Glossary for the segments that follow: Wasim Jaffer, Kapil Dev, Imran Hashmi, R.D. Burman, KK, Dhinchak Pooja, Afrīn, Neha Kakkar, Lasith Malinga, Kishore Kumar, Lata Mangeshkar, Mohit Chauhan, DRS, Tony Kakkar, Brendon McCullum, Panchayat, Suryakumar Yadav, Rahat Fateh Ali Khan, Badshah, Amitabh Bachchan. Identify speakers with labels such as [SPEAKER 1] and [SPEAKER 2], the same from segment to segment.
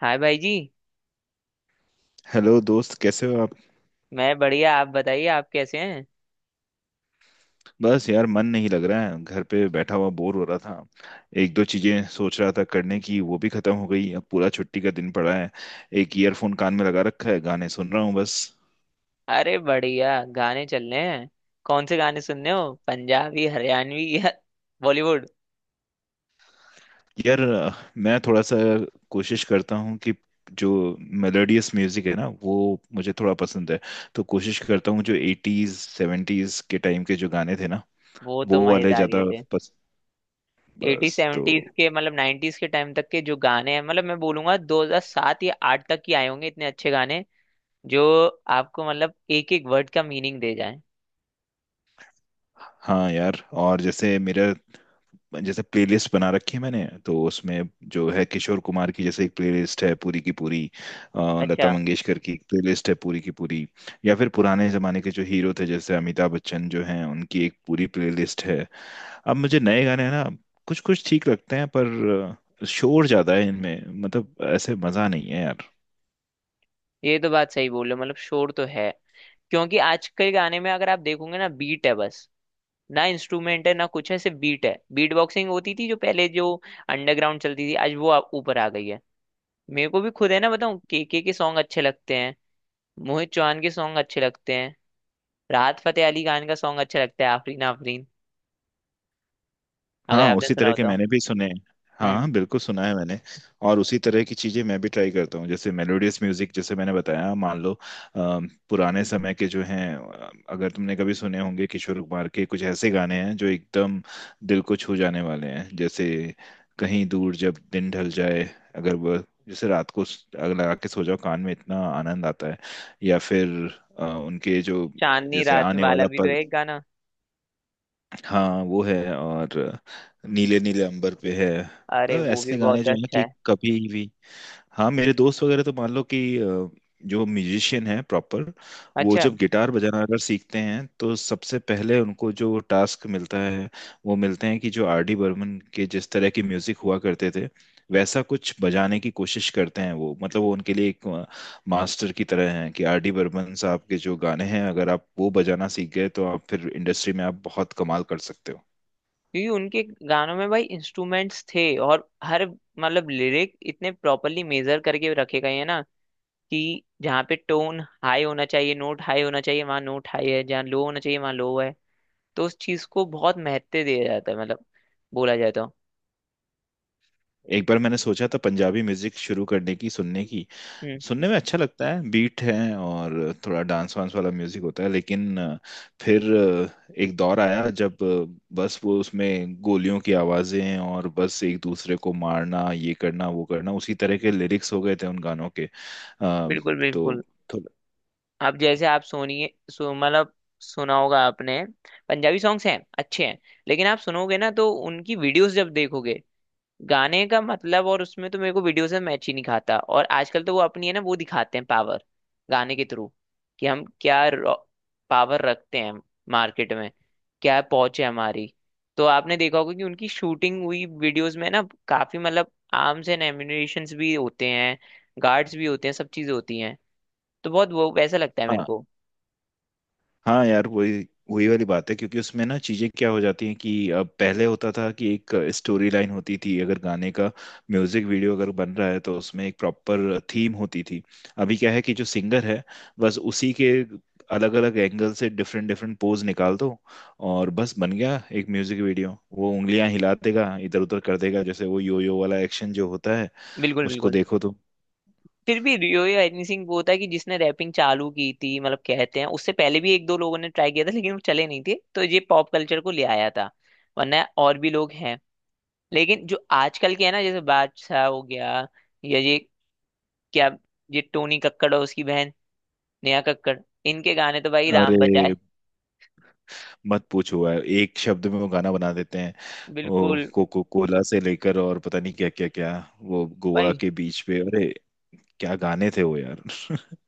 [SPEAKER 1] हाय भाई जी।
[SPEAKER 2] हेलो दोस्त, कैसे हो आप?
[SPEAKER 1] मैं बढ़िया, आप बताइए आप कैसे हैं।
[SPEAKER 2] बस यार, मन नहीं लग रहा है। घर पे बैठा हुआ बोर हो रहा था। एक दो चीजें सोच रहा था करने की, वो भी खत्म हो गई। अब पूरा छुट्टी का दिन पड़ा है। एक ईयरफोन कान में लगा रखा है, गाने सुन रहा हूँ बस।
[SPEAKER 1] अरे बढ़िया। गाने चल रहे हैं। कौन से गाने सुनने हो, पंजाबी हरियाणवी या बॉलीवुड।
[SPEAKER 2] यार, मैं थोड़ा सा कोशिश करता हूँ कि जो मेलोडियस म्यूजिक है ना, वो मुझे थोड़ा पसंद है। तो कोशिश करता हूँ, जो एटीज सेवेंटीज के टाइम के जो गाने थे ना,
[SPEAKER 1] वो तो
[SPEAKER 2] वो वाले
[SPEAKER 1] मजेदार ही
[SPEAKER 2] ज्यादा।
[SPEAKER 1] थे।
[SPEAKER 2] पस,
[SPEAKER 1] एटी
[SPEAKER 2] बस तो।
[SPEAKER 1] सेवेंटीज के मतलब नाइन्टीज के टाइम तक के जो गाने हैं, मतलब मैं बोलूंगा 2007 या 8 तक ही आए होंगे इतने अच्छे गाने जो आपको मतलब एक एक वर्ड का मीनिंग दे जाए।
[SPEAKER 2] हाँ यार, और जैसे मेरा, जैसे प्लेलिस्ट बना रखी है मैंने तो उसमें जो है, किशोर कुमार की जैसे एक प्लेलिस्ट है पूरी की पूरी। लता
[SPEAKER 1] अच्छा।
[SPEAKER 2] मंगेशकर की एक प्लेलिस्ट है पूरी की पूरी। या फिर पुराने जमाने के जो हीरो थे, जैसे अमिताभ बच्चन जो हैं, उनकी एक पूरी प्लेलिस्ट है। अब मुझे नए गाने है ना, कुछ कुछ ठीक लगते हैं, पर शोर ज्यादा है इनमें, मतलब ऐसे मजा नहीं है यार।
[SPEAKER 1] ये तो बात सही बोल रहे हो, मतलब शोर तो है। क्योंकि आजकल गाने में अगर आप देखोगे ना, बीट है बस। ना इंस्ट्रूमेंट है ना कुछ है, सिर्फ बीट है। बीट बॉक्सिंग होती थी जो पहले जो अंडरग्राउंड चलती थी, आज वो ऊपर आ गई है। मेरे को भी खुद है ना, बताऊं, केके के सॉन्ग अच्छे लगते हैं। मोहित चौहान के सॉन्ग अच्छे लगते हैं। राहत फतेह अली खान का सॉन्ग अच्छा लगता है, आफरीन आफरीन, अगर
[SPEAKER 2] हाँ,
[SPEAKER 1] आपने
[SPEAKER 2] उसी
[SPEAKER 1] सुना
[SPEAKER 2] तरह
[SPEAKER 1] हो
[SPEAKER 2] के
[SPEAKER 1] तो।
[SPEAKER 2] मैंने भी सुने हैं। हाँ
[SPEAKER 1] हम्म।
[SPEAKER 2] हाँ, बिल्कुल सुना है मैंने। और उसी तरह की चीजें मैं भी ट्राई करता हूँ, जैसे मेलोडियस म्यूजिक, जैसे मैंने बताया। मान लो पुराने समय के जो हैं, अगर तुमने कभी सुने होंगे, किशोर कुमार के कुछ ऐसे गाने हैं जो एकदम दिल को छू जाने वाले हैं। जैसे कहीं दूर जब दिन ढल जाए, अगर वह जैसे रात को अगर लगा के सो जाओ कान में, इतना आनंद आता है। या फिर उनके जो,
[SPEAKER 1] चांदनी
[SPEAKER 2] जैसे
[SPEAKER 1] रात
[SPEAKER 2] आने
[SPEAKER 1] वाला
[SPEAKER 2] वाला
[SPEAKER 1] भी तो है
[SPEAKER 2] पल।
[SPEAKER 1] एक गाना।
[SPEAKER 2] हाँ वो है, और नीले नीले अंबर पे है।
[SPEAKER 1] अरे
[SPEAKER 2] तो
[SPEAKER 1] वो भी
[SPEAKER 2] ऐसे गाने
[SPEAKER 1] बहुत
[SPEAKER 2] जो है
[SPEAKER 1] अच्छा
[SPEAKER 2] कि
[SPEAKER 1] है।
[SPEAKER 2] कभी भी। हाँ, मेरे दोस्त वगैरह तो मान लो कि जो म्यूजिशियन है प्रॉपर, वो
[SPEAKER 1] अच्छा।
[SPEAKER 2] जब गिटार बजाना अगर सीखते हैं, तो सबसे पहले उनको जो टास्क मिलता है, वो मिलते हैं कि जो आर डी बर्मन के जिस तरह की म्यूजिक हुआ करते थे, वैसा कुछ बजाने की कोशिश करते हैं वो। मतलब वो उनके लिए एक मास्टर की तरह हैं, कि आर डी बर्मन साहब के जो गाने हैं, अगर आप वो बजाना सीख गए, तो आप फिर इंडस्ट्री में आप बहुत कमाल कर सकते हो।
[SPEAKER 1] क्योंकि उनके गानों में भाई इंस्ट्रूमेंट्स थे, और हर मतलब लिरिक इतने प्रॉपरली मेजर करके रखे गए हैं ना, कि जहाँ पे टोन हाई होना चाहिए, नोट हाई होना चाहिए वहाँ नोट हाई है, जहाँ लो होना चाहिए वहाँ लो है। तो उस चीज को बहुत महत्व दिया जाता है, मतलब बोला जाता है।
[SPEAKER 2] एक बार मैंने सोचा था पंजाबी म्यूजिक शुरू करने की, सुनने की।
[SPEAKER 1] हम्म।
[SPEAKER 2] सुनने में अच्छा लगता है, बीट है और थोड़ा डांस वांस वाला म्यूजिक होता है। लेकिन फिर एक दौर आया जब बस वो उसमें गोलियों की आवाजें, और बस एक दूसरे को मारना, ये करना वो करना, उसी तरह के लिरिक्स हो गए थे उन गानों के।
[SPEAKER 1] बिल्कुल, बिल्कुल।
[SPEAKER 2] तो थोड़ा।
[SPEAKER 1] अब जैसे आप सुनिए, मतलब सुना होगा आपने, पंजाबी सॉन्ग्स हैं अच्छे हैं। लेकिन आप सुनोगे ना, तो उनकी वीडियोस जब देखोगे, गाने का मतलब और उसमें तो मेरे को वीडियो से मैच ही नहीं खाता। और आजकल तो वो अपनी है ना, वो दिखाते हैं पावर गाने के थ्रू, कि हम क्या पावर रखते हैं मार्केट में, क्या पहुंच है हमारी। तो आपने देखा होगा कि उनकी शूटिंग हुई वीडियोस में ना, काफी मतलब आर्म्स एंड एम्युनिशंस भी होते हैं, गार्ड्स भी होते हैं, सब चीजें होती हैं। तो बहुत वो वैसा लगता है मेरे को।
[SPEAKER 2] हाँ यार, वही वही वाली बात है, क्योंकि उसमें ना चीजें क्या हो जाती हैं कि अब पहले होता था कि एक स्टोरी लाइन होती थी, अगर गाने का म्यूजिक वीडियो अगर बन रहा है, तो उसमें एक प्रॉपर थीम होती थी। अभी क्या है कि जो सिंगर है, बस उसी के अलग अलग एंगल से डिफरेंट डिफरेंट पोज निकाल दो, और बस बन गया एक म्यूजिक वीडियो। वो उंगलियां हिला देगा, इधर उधर कर देगा, जैसे वो यो यो वाला एक्शन जो होता है,
[SPEAKER 1] बिल्कुल,
[SPEAKER 2] उसको
[SPEAKER 1] बिल्कुल।
[SPEAKER 2] देखो तो।
[SPEAKER 1] फिर भी रियो या एनीसिंह वो था कि जिसने रैपिंग चालू की थी, मतलब कहते हैं उससे पहले भी एक दो लोगों ने ट्राई किया था लेकिन वो चले नहीं थे, तो ये पॉप कल्चर को ले आया था। वरना और भी लोग हैं, लेकिन जो आजकल के है ना, जैसे बादशाह हो गया, या ये क्या, ये टोनी कक्कड़ और उसकी बहन नेहा कक्कड़, इनके गाने तो भाई राम
[SPEAKER 2] अरे
[SPEAKER 1] बचाए।
[SPEAKER 2] मत पूछो यार, एक शब्द में वो गाना बना देते हैं। वो
[SPEAKER 1] बिल्कुल।
[SPEAKER 2] कोको कोला से लेकर और पता नहीं क्या क्या क्या, वो गोवा
[SPEAKER 1] भाई
[SPEAKER 2] के बीच पे, अरे क्या गाने थे वो यार।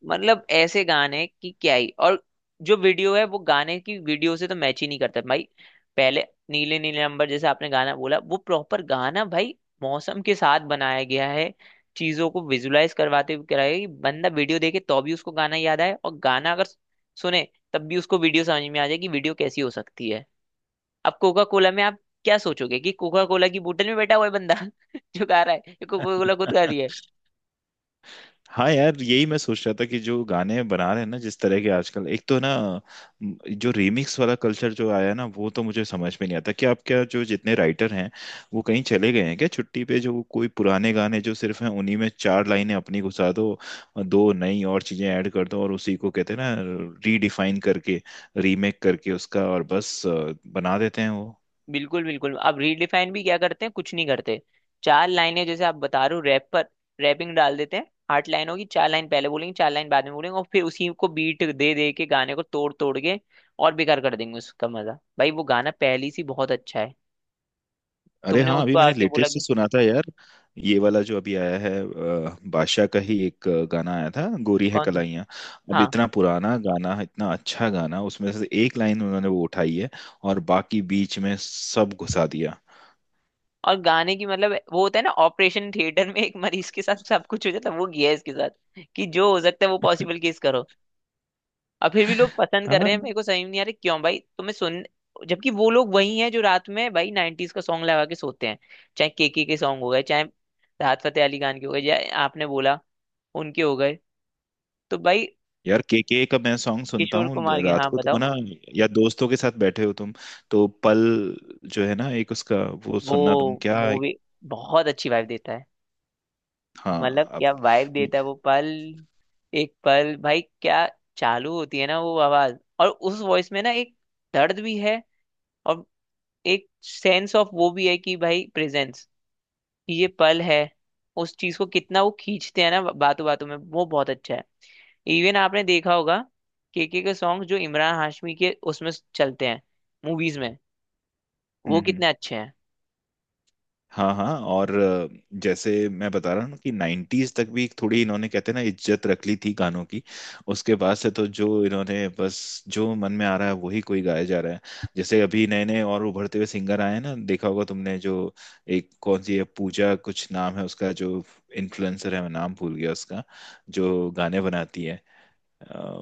[SPEAKER 1] मतलब ऐसे गाने की क्या ही, और जो वीडियो है वो गाने की वीडियो से तो मैच ही नहीं करता भाई। पहले, नीले नीले अंबर जैसे आपने गाना बोला, वो प्रॉपर गाना भाई मौसम के साथ बनाया गया है, चीजों को विजुलाइज करवाते हुए कराया गया है कि बंदा वीडियो देखे तो भी उसको गाना याद आए, और गाना अगर सुने तब भी उसको वीडियो समझ में आ जाए कि वीडियो कैसी हो सकती है। अब कोका कोला में आप क्या सोचोगे, कि कोका कोला की बोतल में बैठा हुआ है बंदा जो गा रहा है, कोका कोला खुद गा रही है।
[SPEAKER 2] हाँ यार, यही मैं सोच रहा था कि जो गाने बना रहे हैं ना जिस तरह के आजकल, एक तो ना जो रीमिक्स वाला कल्चर जो आया है ना, वो तो मुझे समझ में नहीं आता कि आप क्या, जो जितने राइटर हैं वो कहीं चले गए हैं क्या छुट्टी पे? जो कोई पुराने गाने जो सिर्फ हैं, उन्हीं में चार लाइनें अपनी घुसा दो और दो नई और चीजें ऐड कर दो, और उसी को कहते हैं ना, रीडिफाइन करके, रीमेक करके उसका, और बस बना देते हैं वो।
[SPEAKER 1] बिल्कुल, बिल्कुल। अब रीडिफाइन भी क्या करते हैं, कुछ नहीं करते। चार लाइनें, जैसे आप बता रहे हो, रैप पर रैपिंग डाल देते हैं, आठ लाइन होगी, चार लाइन पहले बोलेंगे चार लाइन बाद में बोलेंगे, और फिर उसी को बीट दे दे के गाने को तोड़ तोड़ के और बेकार कर देंगे उसका मजा। भाई वो गाना पहली सी बहुत अच्छा है,
[SPEAKER 2] अरे
[SPEAKER 1] तुमने
[SPEAKER 2] हाँ, अभी
[SPEAKER 1] उसको
[SPEAKER 2] मैंने
[SPEAKER 1] आके बोला
[SPEAKER 2] लेटेस्ट से
[SPEAKER 1] कि।
[SPEAKER 2] सुना था यार, ये वाला जो अभी आया है, बादशाह का ही एक गाना आया था, गोरी है
[SPEAKER 1] कौन सा।
[SPEAKER 2] कलाइयाँ। अब
[SPEAKER 1] हाँ।
[SPEAKER 2] इतना पुराना गाना, इतना अच्छा गाना, उसमें से एक लाइन उन्होंने वो उठाई है, और बाकी बीच में सब घुसा दिया।
[SPEAKER 1] और गाने की मतलब वो होता है ना, ऑपरेशन थिएटर में एक मरीज के साथ सब कुछ हो जाता है, वो किया है इसके साथ, कि जो हो सकता है वो पॉसिबल केस करो। अब फिर भी लोग पसंद कर
[SPEAKER 2] हाँ
[SPEAKER 1] रहे हैं, मेरे को समझ में नहीं आ रहा क्यों भाई, तुम्हें सुन, जबकि वो लोग वही हैं जो रात में भाई 90s का सॉन्ग लगा के सोते हैं। चाहे केके के सॉन्ग हो गए, चाहे राहत फतेह अली खान के हो गए, या आपने बोला उनके हो गए, तो भाई।
[SPEAKER 2] यार, के का मैं सॉन्ग सुनता
[SPEAKER 1] किशोर
[SPEAKER 2] हूँ।
[SPEAKER 1] कुमार के,
[SPEAKER 2] रात
[SPEAKER 1] हाँ,
[SPEAKER 2] को तुम
[SPEAKER 1] बताओ।
[SPEAKER 2] ना, या दोस्तों के साथ बैठे हो तुम, तो पल जो है ना, एक उसका वो
[SPEAKER 1] वो
[SPEAKER 2] सुनना तुम क्या।
[SPEAKER 1] मूवी बहुत अच्छी वाइब देता है।
[SPEAKER 2] हाँ।
[SPEAKER 1] मतलब
[SPEAKER 2] आप।
[SPEAKER 1] क्या वाइब
[SPEAKER 2] हम्म।
[SPEAKER 1] देता है वो पल। एक पल भाई, क्या चालू होती है ना वो आवाज, और उस वॉइस में ना एक दर्द भी है, और एक सेंस ऑफ वो भी है कि भाई प्रेजेंस, ये पल है। उस चीज को कितना वो खींचते हैं ना बातों बातों में, वो बहुत अच्छा है। इवन आपने देखा होगा, केके के सॉन्ग जो इमरान हाशमी के उसमें चलते हैं मूवीज में, वो
[SPEAKER 2] हम्म।
[SPEAKER 1] कितने अच्छे हैं।
[SPEAKER 2] हाँ हाँ। और जैसे मैं बता रहा हूँ ना कि नाइन्टीज तक भी थोड़ी इन्होंने, कहते हैं ना, इज्जत रख ली थी गानों की। उसके बाद से तो जो इन्होंने, बस जो मन में आ रहा है वही कोई गाया जा रहा है। जैसे अभी नए नए और उभरते हुए सिंगर आए हैं ना, देखा होगा तुमने, जो एक कौन सी है, पूजा कुछ नाम है उसका, जो इन्फ्लुएंसर है, मैं नाम भूल गया उसका, जो गाने बनाती है। अ,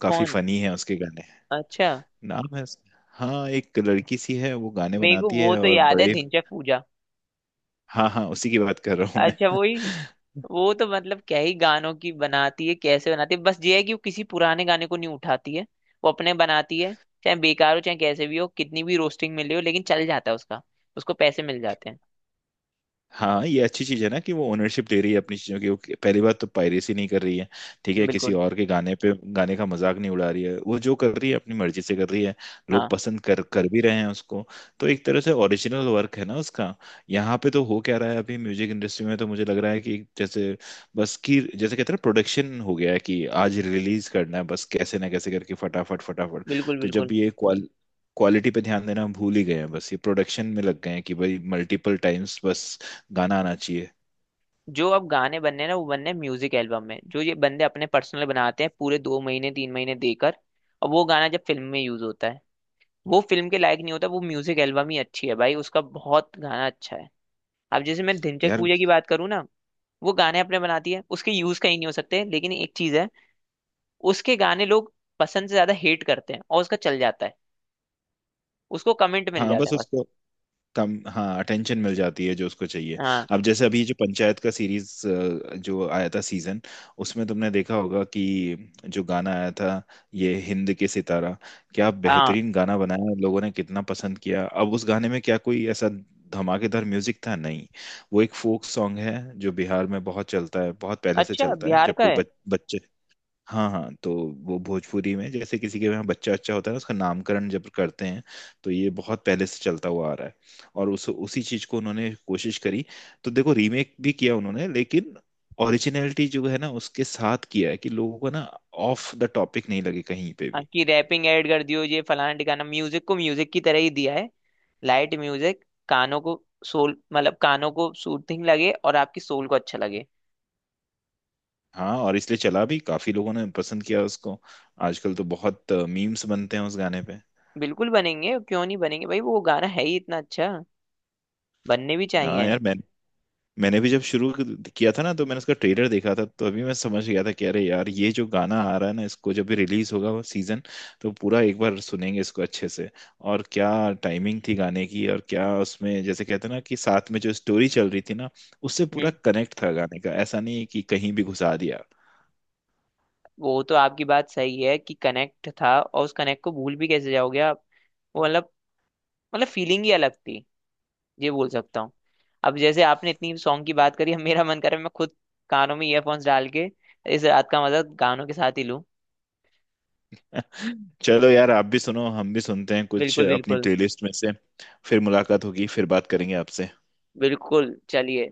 [SPEAKER 2] काफी
[SPEAKER 1] कौन।
[SPEAKER 2] फनी है उसके गाने।
[SPEAKER 1] अच्छा।
[SPEAKER 2] नाम है उसका। हाँ, एक लड़की सी है, वो गाने
[SPEAKER 1] मेरे को
[SPEAKER 2] बनाती
[SPEAKER 1] वो
[SPEAKER 2] है
[SPEAKER 1] तो
[SPEAKER 2] और
[SPEAKER 1] याद है,
[SPEAKER 2] बड़े।
[SPEAKER 1] ढिंचैक पूजा।
[SPEAKER 2] हाँ हाँ, उसी की बात कर रहा हूँ
[SPEAKER 1] अच्छा,
[SPEAKER 2] मैं।
[SPEAKER 1] वही। वो तो मतलब क्या ही गानों की बनाती है, कैसे बनाती है, बस ये है कि वो किसी पुराने गाने को नहीं उठाती है, वो अपने बनाती है। चाहे बेकार हो चाहे कैसे भी हो, कितनी भी रोस्टिंग मिली हो, लेकिन चल जाता है उसका, उसको पैसे मिल जाते
[SPEAKER 2] हाँ, ये अच्छी चीज है ना कि वो ओनरशिप ले रही है अपनी चीजों की। वो पहली बात तो पायरेसी नहीं कर रही है। ठीक
[SPEAKER 1] हैं।
[SPEAKER 2] है, किसी
[SPEAKER 1] बिल्कुल।
[SPEAKER 2] और के गाने पे गाने का मजाक नहीं उड़ा रही है, वो जो कर रही है अपनी मर्जी से कर रही है। लोग
[SPEAKER 1] हाँ।
[SPEAKER 2] पसंद कर कर भी रहे हैं उसको, तो एक तरह से ओरिजिनल वर्क है ना उसका। यहाँ पे तो हो क्या रहा है अभी म्यूजिक इंडस्ट्री में, तो मुझे लग रहा है कि जैसे बस की, जैसे कहते हैं, प्रोडक्शन हो गया है कि आज रिलीज करना है बस, कैसे ना कैसे करके, फटाफट फटाफट।
[SPEAKER 1] बिल्कुल,
[SPEAKER 2] तो जब
[SPEAKER 1] बिल्कुल।
[SPEAKER 2] ये क्वालिटी पे ध्यान देना हम भूल ही गए हैं, बस ये प्रोडक्शन में लग गए हैं कि भाई मल्टीपल टाइम्स बस गाना आना चाहिए।
[SPEAKER 1] जो अब गाने बनने हैं ना, वो बनने हैं म्यूजिक एल्बम में जो ये बंदे अपने पर्सनल बनाते हैं, पूरे दो महीने तीन महीने देकर। और वो गाना जब फिल्म में यूज होता है, वो फिल्म के लायक नहीं होता, वो म्यूजिक एल्बम ही अच्छी है भाई, उसका बहुत गाना अच्छा है। अब जैसे मैं धिनचक
[SPEAKER 2] यार।
[SPEAKER 1] पूजा की बात करूँ ना, वो गाने अपने बनाती है, उसके यूज कहीं नहीं हो सकते, लेकिन एक चीज है, उसके गाने लोग पसंद से ज्यादा हेट करते हैं, और उसका चल जाता है, उसको कमेंट मिल
[SPEAKER 2] हाँ
[SPEAKER 1] जाता
[SPEAKER 2] बस
[SPEAKER 1] है बस।
[SPEAKER 2] उसको कम, हाँ, अटेंशन मिल जाती है जो उसको चाहिए।
[SPEAKER 1] हाँ,
[SPEAKER 2] अब जैसे अभी जो पंचायत का सीरीज, जो आया था सीजन, उसमें तुमने देखा होगा कि जो गाना आया था, ये हिंद के सितारा, क्या
[SPEAKER 1] हाँ।
[SPEAKER 2] बेहतरीन गाना बनाया, लोगों ने कितना पसंद किया। अब उस गाने में क्या कोई ऐसा धमाकेदार म्यूजिक था? नहीं। वो एक फोक सॉन्ग है, जो बिहार में बहुत चलता है, बहुत पहले से
[SPEAKER 1] अच्छा,
[SPEAKER 2] चलता है,
[SPEAKER 1] बिहार
[SPEAKER 2] जब
[SPEAKER 1] का
[SPEAKER 2] कोई
[SPEAKER 1] है।
[SPEAKER 2] बच्चे। हाँ हाँ, तो वो भोजपुरी में, जैसे किसी के यहाँ बच्चा अच्छा होता है ना, उसका नामकरण जब करते हैं, तो ये बहुत पहले से चलता हुआ आ रहा है। और उस उसी चीज को उन्होंने कोशिश करी, तो देखो, रीमेक भी किया उन्होंने, लेकिन ओरिजिनलिटी जो है ना उसके साथ किया है, कि लोगों को ना ऑफ द टॉपिक नहीं लगे कहीं पे
[SPEAKER 1] हाँ,
[SPEAKER 2] भी।
[SPEAKER 1] कि रैपिंग ऐड कर दियो ये फलाना ठिकाना, म्यूजिक को म्यूजिक की तरह ही दिया है। लाइट म्यूजिक कानों को सोल, मतलब कानों को सूथिंग लगे, और आपकी सोल को अच्छा लगे।
[SPEAKER 2] हाँ, और इसलिए चला भी, काफी लोगों ने पसंद किया उसको। आजकल तो बहुत मीम्स बनते हैं उस गाने पे।
[SPEAKER 1] बिल्कुल बनेंगे, क्यों नहीं बनेंगे भाई, वो गाना है ही इतना अच्छा, बनने भी
[SPEAKER 2] हाँ
[SPEAKER 1] चाहिए।
[SPEAKER 2] यार। मैंने भी जब शुरू किया था ना, तो मैंने उसका ट्रेलर देखा था, तो अभी मैं समझ गया था कि अरे यार, ये जो गाना आ रहा है ना, इसको जब भी रिलीज होगा वो सीजन, तो पूरा एक बार सुनेंगे इसको अच्छे से। और क्या टाइमिंग थी गाने की, और क्या उसमें, जैसे कहते हैं ना, कि साथ में जो स्टोरी चल रही थी ना, उससे पूरा
[SPEAKER 1] हम्म।
[SPEAKER 2] कनेक्ट था गाने का। ऐसा नहीं है कि कहीं भी घुसा दिया।
[SPEAKER 1] वो तो आपकी बात सही है कि कनेक्ट था, और उस कनेक्ट को भूल भी कैसे जाओगे आप। वो मतलब फीलिंग ही अलग थी, ये बोल सकता हूँ। अब जैसे आपने इतनी सॉन्ग की बात करी, अब मेरा मन कर रहा है मैं खुद कानों में ईयरफोन्स डाल के इस रात का मजा गानों के साथ ही लूं।
[SPEAKER 2] चलो यार, आप भी सुनो, हम भी सुनते हैं कुछ
[SPEAKER 1] बिल्कुल,
[SPEAKER 2] अपनी
[SPEAKER 1] बिल्कुल।
[SPEAKER 2] प्लेलिस्ट में से। फिर मुलाकात होगी, फिर बात करेंगे आपसे।
[SPEAKER 1] बिल्कुल, चलिए।